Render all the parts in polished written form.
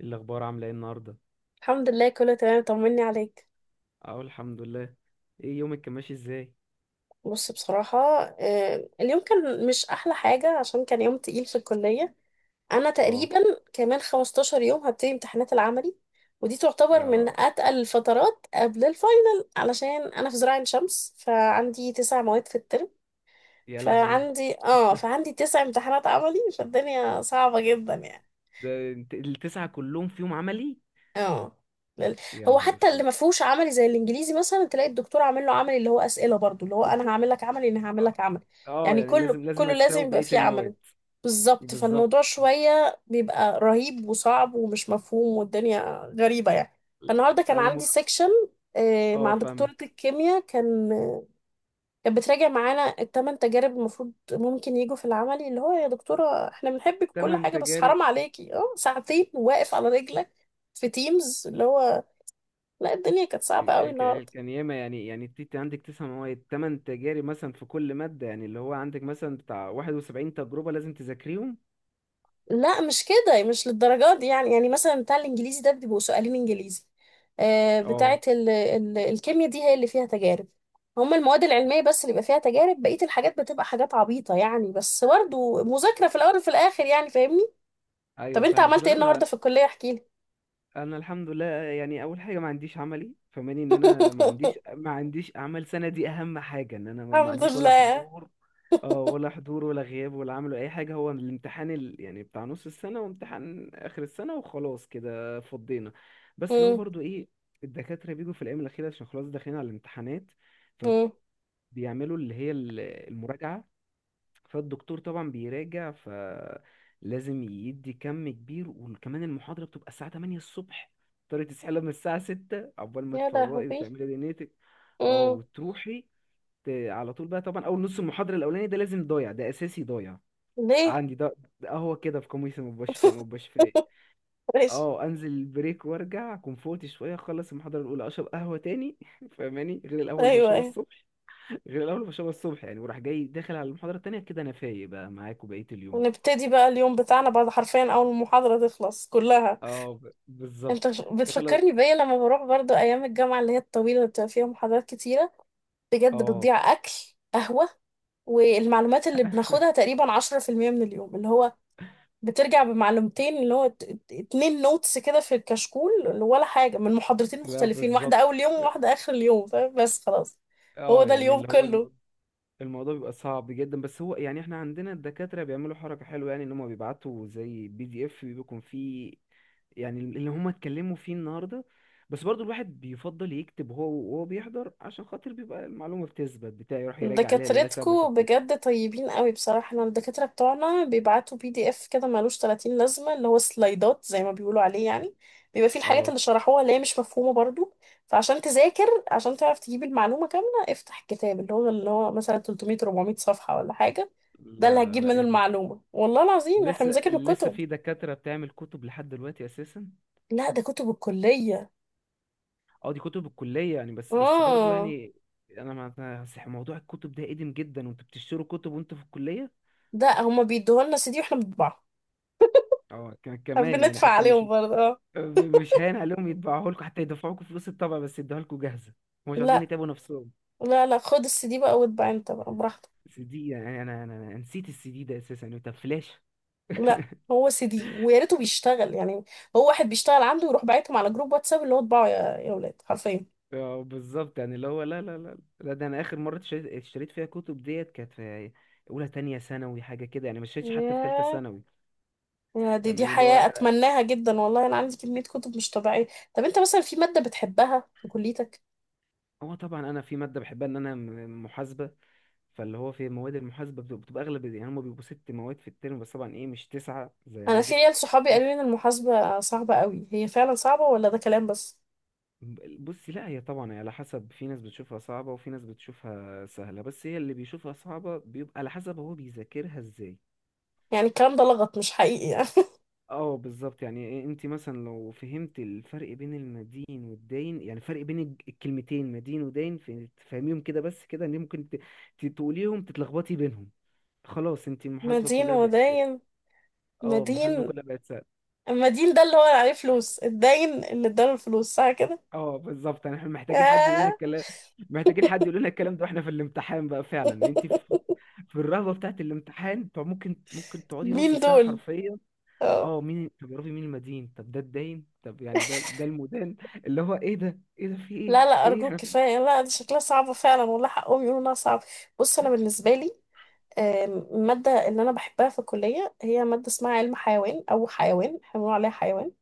إيه الاخبار؟ عامله ايه النهارده؟ الحمد لله كله تمام، طمني عليك. اه، الحمد لله. ايه يومك كان ماشي ازاي؟ بص، بصراحة، اليوم كان مش أحلى حاجة عشان كان يوم تقيل في الكلية. أنا اه. تقريبا كمان 15 يوم هبتدي امتحانات العملي، ودي تعتبر من اه، أتقل الفترات قبل الفاينل علشان أنا في زراعة عين شمس، فعندي تسع مواد في الترم. يا لهوي! فعندي تسع امتحانات عملي، فالدنيا صعبة جدا يعني. ده انت التسعه كلهم في يوم عملي؟ اه لل- يا هو نهار حتى اللي اسود! ما فيهوش عملي زي الانجليزي مثلا تلاقي الدكتور عامل له عملي اللي هو اسئله، برضو اللي هو انا هعمل لك عملي، اه. آه، يعني يعني كله لازم كله هتساوي لازم يبقى بقيه فيه عملي. المواد. بالظبط، بالظبط. فالموضوع شويه بيبقى رهيب وصعب ومش مفهوم والدنيا غريبه يعني. فالنهارده كان انا عندي مخ سيكشن اه، مع دكتوره فاهمك. الكيمياء، كانت بتراجع معانا التمن تجارب المفروض ممكن يجوا في العملي، اللي هو يا دكتورة احنا بنحبك وكل تمن حاجة بس تجارب؟ حرام عليكي، ساعتين واقف على رجلك في تيمز اللي هو. لا، الدنيا كانت صعبة قوي النهاردة. كان ياما، يعني انت عندك تسع مواد، تمن تجارب مثلا في كل ماده، يعني اللي هو عندك مثلا بتاع 71 تجربه لازم تذاكريهم. لا مش كده، مش للدرجات دي يعني، يعني مثلا بتاع الانجليزي ده بيبقوا سؤالين انجليزي. بتاعة اه. ال الكيمياء دي هي اللي فيها تجارب. هما المواد العلمية بس اللي بيبقى فيها تجارب، بقية الحاجات بتبقى حاجات عبيطة يعني، بس برضه مذاكرة في الأول وفي الآخر يعني، فاهمني؟ طب ايوه، انت فاهمك. عملت ايه لا، لا. النهاردة في الكلية؟ احكيلي. انا الحمد لله، يعني اول حاجه ما عنديش عملي، فماني ان انا ما عنديش ما عنديش اعمال سنه دي. اهم حاجه ان انا ما الحمد عنديش ولا لله. حضور. اه، ولا حضور ولا غياب ولا عمل ولا اي حاجه. هو الامتحان يعني بتاع نص السنه وامتحان اخر السنه، وخلاص كده فضينا. بس اللي هو مم. برضو ايه، الدكاتره بيجوا في الايام الاخيره عشان خلاص داخلين على الامتحانات، مم. فبيعملوا اللي هي المراجعه. فالدكتور طبعا بيراجع، فلازم يدي كم كبير، وكمان المحاضرة بتبقى الساعة 8 الصبح. تضطري تصحي من الساعة 6 عقبال ما يا تفوقي لهوي. وتعملي دنيتك. اه، مم. وتروحي. على طول بقى، طبعا أول نص المحاضرة الأولاني ده لازم ضايع، ده أساسي ضايع. ليه؟ عندي ده. ده هو كده في قميصي، مبقاش فايق مبقاش فايق. ماشي. اه، انزل البريك وارجع اكون فوقت شويه، اخلص المحاضره الاولى اشرب قهوه تاني. فاهماني، غير القهوه اللي ايوه بشربها ايوه. الصبح. غير الأول بشربها الصبح يعني، وراح جاي داخل على المحاضرة التانية كده أنا فايق بقى معاك وبقية اليوم. ونبتدي بقى اليوم بتاعنا بعد حرفيا اول المحاضره تخلص كلها. اه، بالظبط. داخل. بتفكرني بيا لما بروح برضو ايام الجامعه اللي هي الطويله اللي بتبقى فيها محاضرات كتيره، بجد اه. بتضيع اكل، قهوه. والمعلومات اللي بناخدها تقريبا 10% من اليوم، اللي هو بترجع بمعلومتين اللي هو اتنين نوتس كده في الكشكول، ولا حاجة من محاضرتين لا، مختلفين، واحدة بالظبط. أول يوم وواحدة آخر اليوم. فاهم؟ بس خلاص، هو اه، ده يعني اليوم اللي هو كله. الموضوع بيبقى صعب جدا، بس هو يعني احنا عندنا الدكاترة بيعملوا حركة حلوة، يعني ان هم بيبعتوا زي بي دي اف بيكون فيه يعني اللي هم اتكلموا فيه النهاردة. بس برضو الواحد بيفضل يكتب هو وهو بيحضر، عشان خاطر بيبقى المعلومة بتثبت بتاعي، يروح يراجع عليها اللي هي دكاترتكو ثبتت كده. بجد طيبين قوي، بصراحة احنا الدكاترة بتوعنا بيبعتوا بي دي اف كده ملوش 30 لازمة، اللي هو سلايدات زي ما بيقولوا عليه يعني. بيبقى فيه الحاجات اه. اللي شرحوها اللي هي مش مفهومة برضو. فعشان تذاكر، عشان تعرف تجيب المعلومة كاملة، افتح الكتاب اللي هو مثلا 300 400 صفحة ولا حاجة. ده لا، اللي لا، هتجيب لا، منه ايه ده! المعلومة، والله العظيم احنا ولسه بنذاكر الكتب. في دكاترة بتعمل كتب لحد دلوقتي أساسا؟ لا ده كتب الكلية. اه، دي كتب الكلية، يعني بس، بس برضو اه، يعني. أنا موضوع الكتب ده قديم جدا، وأنتوا بتشتروا كتب وأنتوا في الكلية. ده هما بيدوها لنا سي دي واحنا بنطبعها. اه، كمان، يعني بندفع حتى مش، عليهم برضه اه. مش هان عليهم يطبعوها لكم، حتى يدفعوا لكم فلوس الطبع بس يدوها لكم جاهزة. هم مش عايزين لا يتعبوا نفسهم. لا، خد السي دي بقى واتبع انت بقى براحتك. سي دي؟ يعني أنا نسيت السي دي ده أساسا، يعني طب فلاش. لا هو سي دي ويا ريته بيشتغل يعني. هو واحد بيشتغل عنده يروح باعتهم على جروب واتساب، اللي هو اتباعوا يا ولاد حرفيا. اه، بالظبط، يعني اللي هو لا، لا، لا، لا، ده أنا آخر مرة اشتريت فيها كتب ديت كانت في أولى تانية ثانوي حاجة كده، يعني ما اشتريتش حتى في تالتة ياه، ثانوي. يا دي دي فاهماني اللي هو. حياة اتمناها جدا والله، انا عندي كمية كتب مش طبيعية. طب انت مثلا في مادة بتحبها في كليتك؟ هو طبعا انا في ماده بحبها ان انا محاسبه. فاللي هو في مواد المحاسبه بتبقى اغلب، يعني هم بيبقوا ست مواد في الترم بس، طبعا ايه، مش تسعه زي انا في عندك. عيال صحابي قالوا لي ان المحاسبة صعبة قوي، هي فعلا صعبة ولا ده كلام بس؟ بصي، لا هي طبعا هي على حسب، في ناس بتشوفها صعبه وفي ناس بتشوفها سهله، بس هي اللي بيشوفها صعبه بيبقى على حسب هو بيذاكرها ازاي. يعني الكلام ده لغط مش حقيقي يعني؟ اه، بالظبط، يعني إيه، انت مثلا لو فهمت الفرق بين المدين والداين، يعني فرق بين الكلمتين مدين وداين، تفهميهم كده بس، كده ان ممكن تقوليهم تتلخبطي بينهم، خلاص انت المحاسبة مدين كلها بقت. وداين. اه، محاسبه مدين. كلها بقت سهل. المدين ده اللي هو عليه فلوس، الداين اللي اداله الفلوس، صح كده؟ اه، بالظبط، يعني احنا محتاجين حد يقول لنا الكلام، محتاجين حد يقول لنا الكلام ده. واحنا في الامتحان بقى فعلا، انت في في الرهبه بتاعت الامتحان، انت ممكن تقعدي نص مين ساعه دول؟ حرفيا. اه. اه، مين؟ طب يا ربي مين المدين، طب ده الداين، طب يعني ده المدان، اللي هو ايه ده ايه ده، في ايه لا لا في ايه أرجوك احنا! كفاية، لا دي شكلها صعبة فعلا، والله حقهم يقولوا إنها صعبة. بص أنا بالنسبة لي، المادة اللي أنا بحبها في الكلية هي مادة اسمها علم حيوان، أو حيوان احنا بنقول عليها حيوان.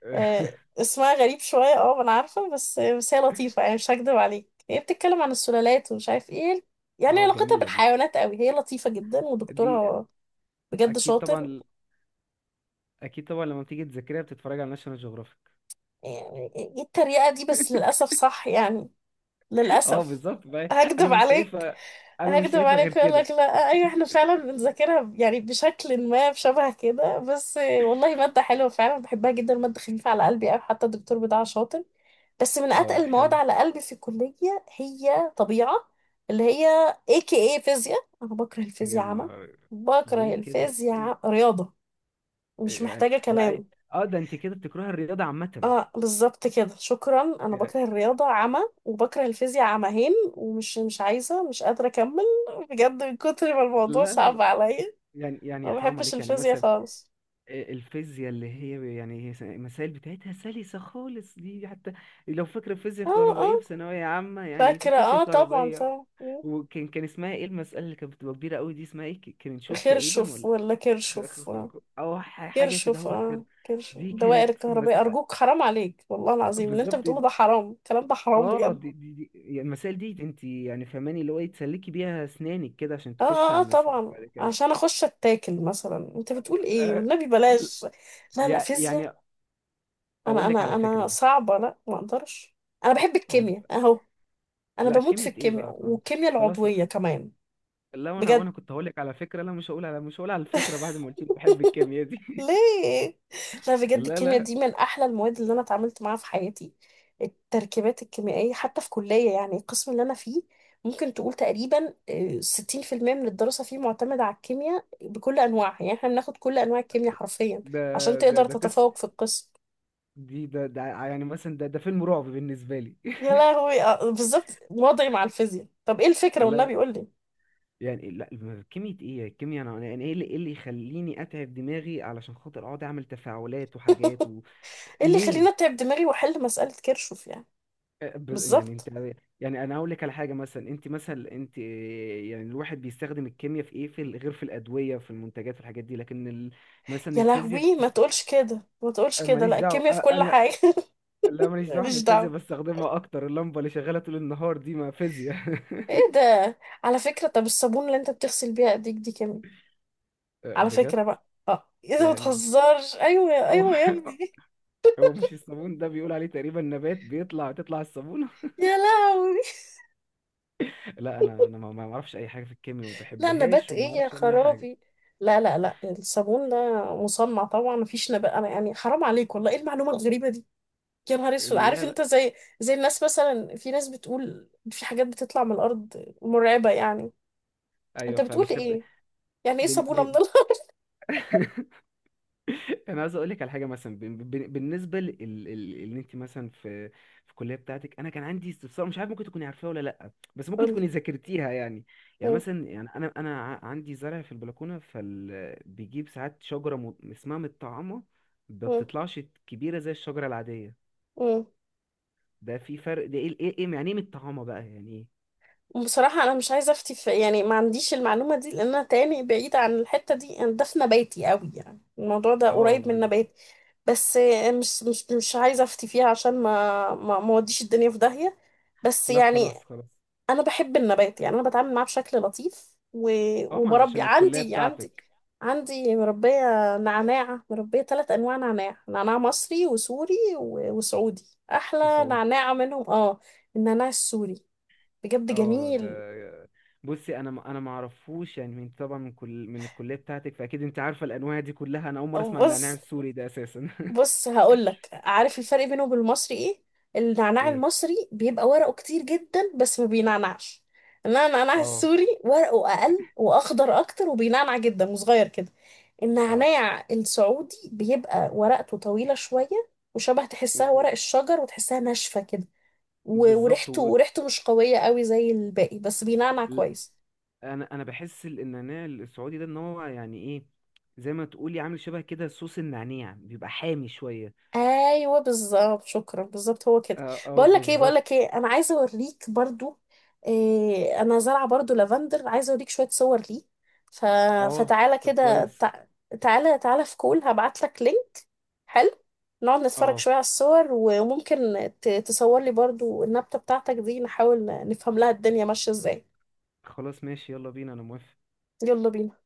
في- اسمها غريب شوية اه أنا عارفة، بس هي لطيفة يعني، مش هكدب عليك هي بتتكلم عن السلالات ومش عارف ايه، يعني اه، علاقتها جميله دي. بالحيوانات قوي. هي لطيفة جدا دي ودكتورها بجد اكيد شاطر، طبعا، اكيد طبعا لما بتيجي تذاكريها بتتفرج على ناشونال جيوغرافيك. يعني ايه التريقة دي بس للأسف صح يعني. اه، للأسف. بالظبط بقى. انا هكدب مش عليك؟ شايفه، انا مش هكدب شايفه غير عليك وأقول لك كده. لا أيوة احنا فعلا بنذاكرها يعني بشكل ما بشبه كده، بس والله مادة حلوة فعلا بحبها جدا، مادة خفيفة على قلبي أوي، حتى الدكتور بتاعها شاطر. بس من اه، أتقل المواد حلو. على قلبي في الكلية هي طبيعة، اللي هي AKA فيزياء. أنا بكره يا الفيزياء عامة. نهار! بكره ليه كده؟ الفيزياء، ليه؟ رياضة مش يعني محتاجة هو كلام. اه، ده انت كده بتكره الرياضه عامه اه بالظبط كده، شكرا. انا يعني. بكره الرياضه عمى وبكره الفيزياء عمهين، ومش مش عايزه، مش قادره اكمل، بجد من كتر ما الموضوع لا، لا، لا، صعب عليا. يعني يا ما حرام بحبش عليك، يعني الفيزياء مثلا خالص. آه، الفيزياء اللي هي يعني هي المسائل بتاعتها سلسه خالص، دي حتى لو فاكره فيزياء اه كهربائيه في اه ثانويه عامه، يعني في فاكره، فيزياء اه طبعا كهربائيه. طبعا. مم. وكان اسمها ايه المساله اللي كانت بتبقى كبيره قوي دي؟ اسمها ايه، كان نشوف تقريبا، خرشف ولا ولا كرشف؟ او حاجه كده، كرشف، هو اه كده. كرشف دي الدوائر كانت الكهربائيه. ارجوك حرام عليك والله العظيم، اللي انت بالظبط. بتقوله ده حرام، الكلام ده حرام اه، بجد. دي يعني المسائل دي، انت يعني فهماني اللي هو ايه، تسلكي بيها اسنانك كده عشان اه تخشي اه على اه المسائل طبعا، بعد كده. عشان اخش اتاكل مثلا، انت بتقول ايه؟ آه، والنبي ل- بلاش. لا لا فيزياء، يعني انا اقول لك على انا فكره انا مثلا. صعبه، لا ما اقدرش. انا بحب اقول الكيمياء لك، اهو، انا لا بموت في كميه ايه الكيمياء بقى خلاص. والكيمياء خلاص، العضويه كمان. لا انا بجد؟ وانا كنت هقول لك على فكره، لا مش هقول على الفكره بعد ما قلت لي بحب الكيمياء دي. ليه؟ لا بجد لا، الكيمياء لا، دي من احلى المواد اللي انا اتعاملت معاها في حياتي، التركيبات الكيميائيه. حتى في كليه، يعني القسم اللي انا فيه ممكن تقول تقريبا 60% من الدراسه فيه معتمده على الكيمياء بكل انواعها. يعني احنا بناخد كل انواع الكيمياء حرفيا ده عشان ده تقدر ده قصه، تتفوق في القسم. دي ده ده يعني مثلا ده فيلم رعب بالنسبه لي. يا لهوي. بالظبط وضعي مع الفيزياء. طب ايه الفكرة؟ لا والنبي قول لي. يعني لا، كيمياء ايه الكيمياء، انا يعني ايه اللي اللي يخليني اتعب دماغي علشان خاطر اقعد اعمل تفاعلات وحاجات و... ايه اللي يخليني ليه؟ اتعب دماغي واحل مسألة كيرشوف يعني؟ أه، يعني انت، بالظبط. يعني انا اقول لك على حاجه مثلا، انت مثلا انت، يعني الواحد بيستخدم الكيمياء في ايه، في غير في الادويه، في المنتجات، في الحاجات دي، لكن ال... مثلا يا الفيزياء لهوي ما بتس... تقولش كده ما تقولش كده ماليش لا دعوه الكيمياء في كل انا، حاجة. لا ماليش دعوه، انا ماليش الفيزياء دعوة. بستخدمها اكتر، اللمبه اللي شغاله طول النهار دي ما فيزياء. ايه ده؟ على فكرة، طب الصابون اللي انت بتغسل بيها ايديك دي كيمياء أه، على فكرة بجد؟ بقى، اه ايه ده ما يعني تهزرش، ايوه هو ايوه يا ابني. هو مش الصابون ده بيقول عليه تقريبا نبات تطلع الصابونة؟ يا لهوي، لا انا ما اعرفش اي حاجه في الكيمياء، ما لا نبات بحبهاش وما ايه يا اعرفش عنها حاجه. خرابي؟ لا الصابون ده مصنع طبعا، مفيش نبات، انا يعني حرام عليك والله، ايه المعلومة الغريبة دي؟ يا نهار اسود. عارف لا، لا، انت، زي الناس مثلا، في ناس بتقول في حاجات بتطلع من الارض مرعبه يعني. ايوه انت بتقول فاهمك. طب ايه؟ يعني ايه بن... صابونه من ب... الارض؟ انا عايز اقول لك على حاجه مثلا، بالنسبه ان انت مثلا في في الكليه بتاعتك، انا كان عندي استفسار مش عارف ممكن تكوني عارفاه ولا لا، بس ممكن قولي. تكوني ذاكرتيها يعني. يعني مم. مثلا، يعني انا انا عندي زرع في البلكونه، بيجيب ساعات شجره اسمها متطعمه. ما مم. بتطلعش كبيره زي الشجره العاديه. مم. ده في فرق، ده ايه يعني ايه متطعمه بقى يعني ايه؟ بصراحه انا مش عايزه افتي في، يعني ما عنديش المعلومه دي، لان انا تاني بعيده عن الحته دي، انا ده في نباتي قوي يعني، الموضوع ده اه، قريب من نباتي بس. مش عايزه افتي فيها عشان ما اوديش الدنيا في داهيه. بس لا يعني خلاص، خلاص. انا بحب النبات يعني، انا بتعامل معاه بشكل لطيف و... اه، ما وبربي. عشان الكلية عندي عندي بتاعتك. عندي مربيه نعناع، مربيه ثلاث انواع نعناع، نعناع مصري وسوري و... وسعودي. احلى سعودي؟ نعناع منهم اه النعناع السوري، بجد اه، جميل. ده بصي، انا انا ما اعرفوش، يعني من طبعا من الكلية بتاعتك فاكيد انت عارفة الانواع دي كلها، انا اول مرة أو اسمع ان نعناع بص، السوري ده اساسا. بص هقولك. عارف الفرق بينه وبين المصري ايه؟ النعناع ايه! المصري بيبقى ورقه كتير جدا بس ما بينعنعش. انما النعناع اه، السوري ورقه اقل واخضر اكتر، وبينعنع جدا وصغير كده. اه، النعناع السعودي بيبقى ورقته طويله شويه، وشبه تحسها ورق و- الشجر، وتحسها ناشفه كده. بالظبط وريحته و... مش قويه قوي زي الباقي بس بينعنع ل- كويس. انا انا بحس النعناع السعودي ده ان هو يعني ايه، زي ما تقولي عامل شبه كده صوص النعناع، بيبقى حامي شوية. ايوه بالظبط شكرا، بالظبط هو كده. اه، اه، بقول لك ايه بقول بالظبط. لك ايه انا عايزه اوريك برضو إيه، انا زارعه برضو لافندر، عايزه اوريك شويه صور ليه. ف... اه، فتعالى طب كده، كويس. تعالى تعالى في كول، هبعت لك لينك. حلو. نقعد نتفرج شويه اه، على الصور، وممكن تصور لي برضو النبته بتاعتك دي، نحاول نفهم لها الدنيا ماشيه ازاي. خلاص ماشي، يلا بينا انا موافق. يلا بينا.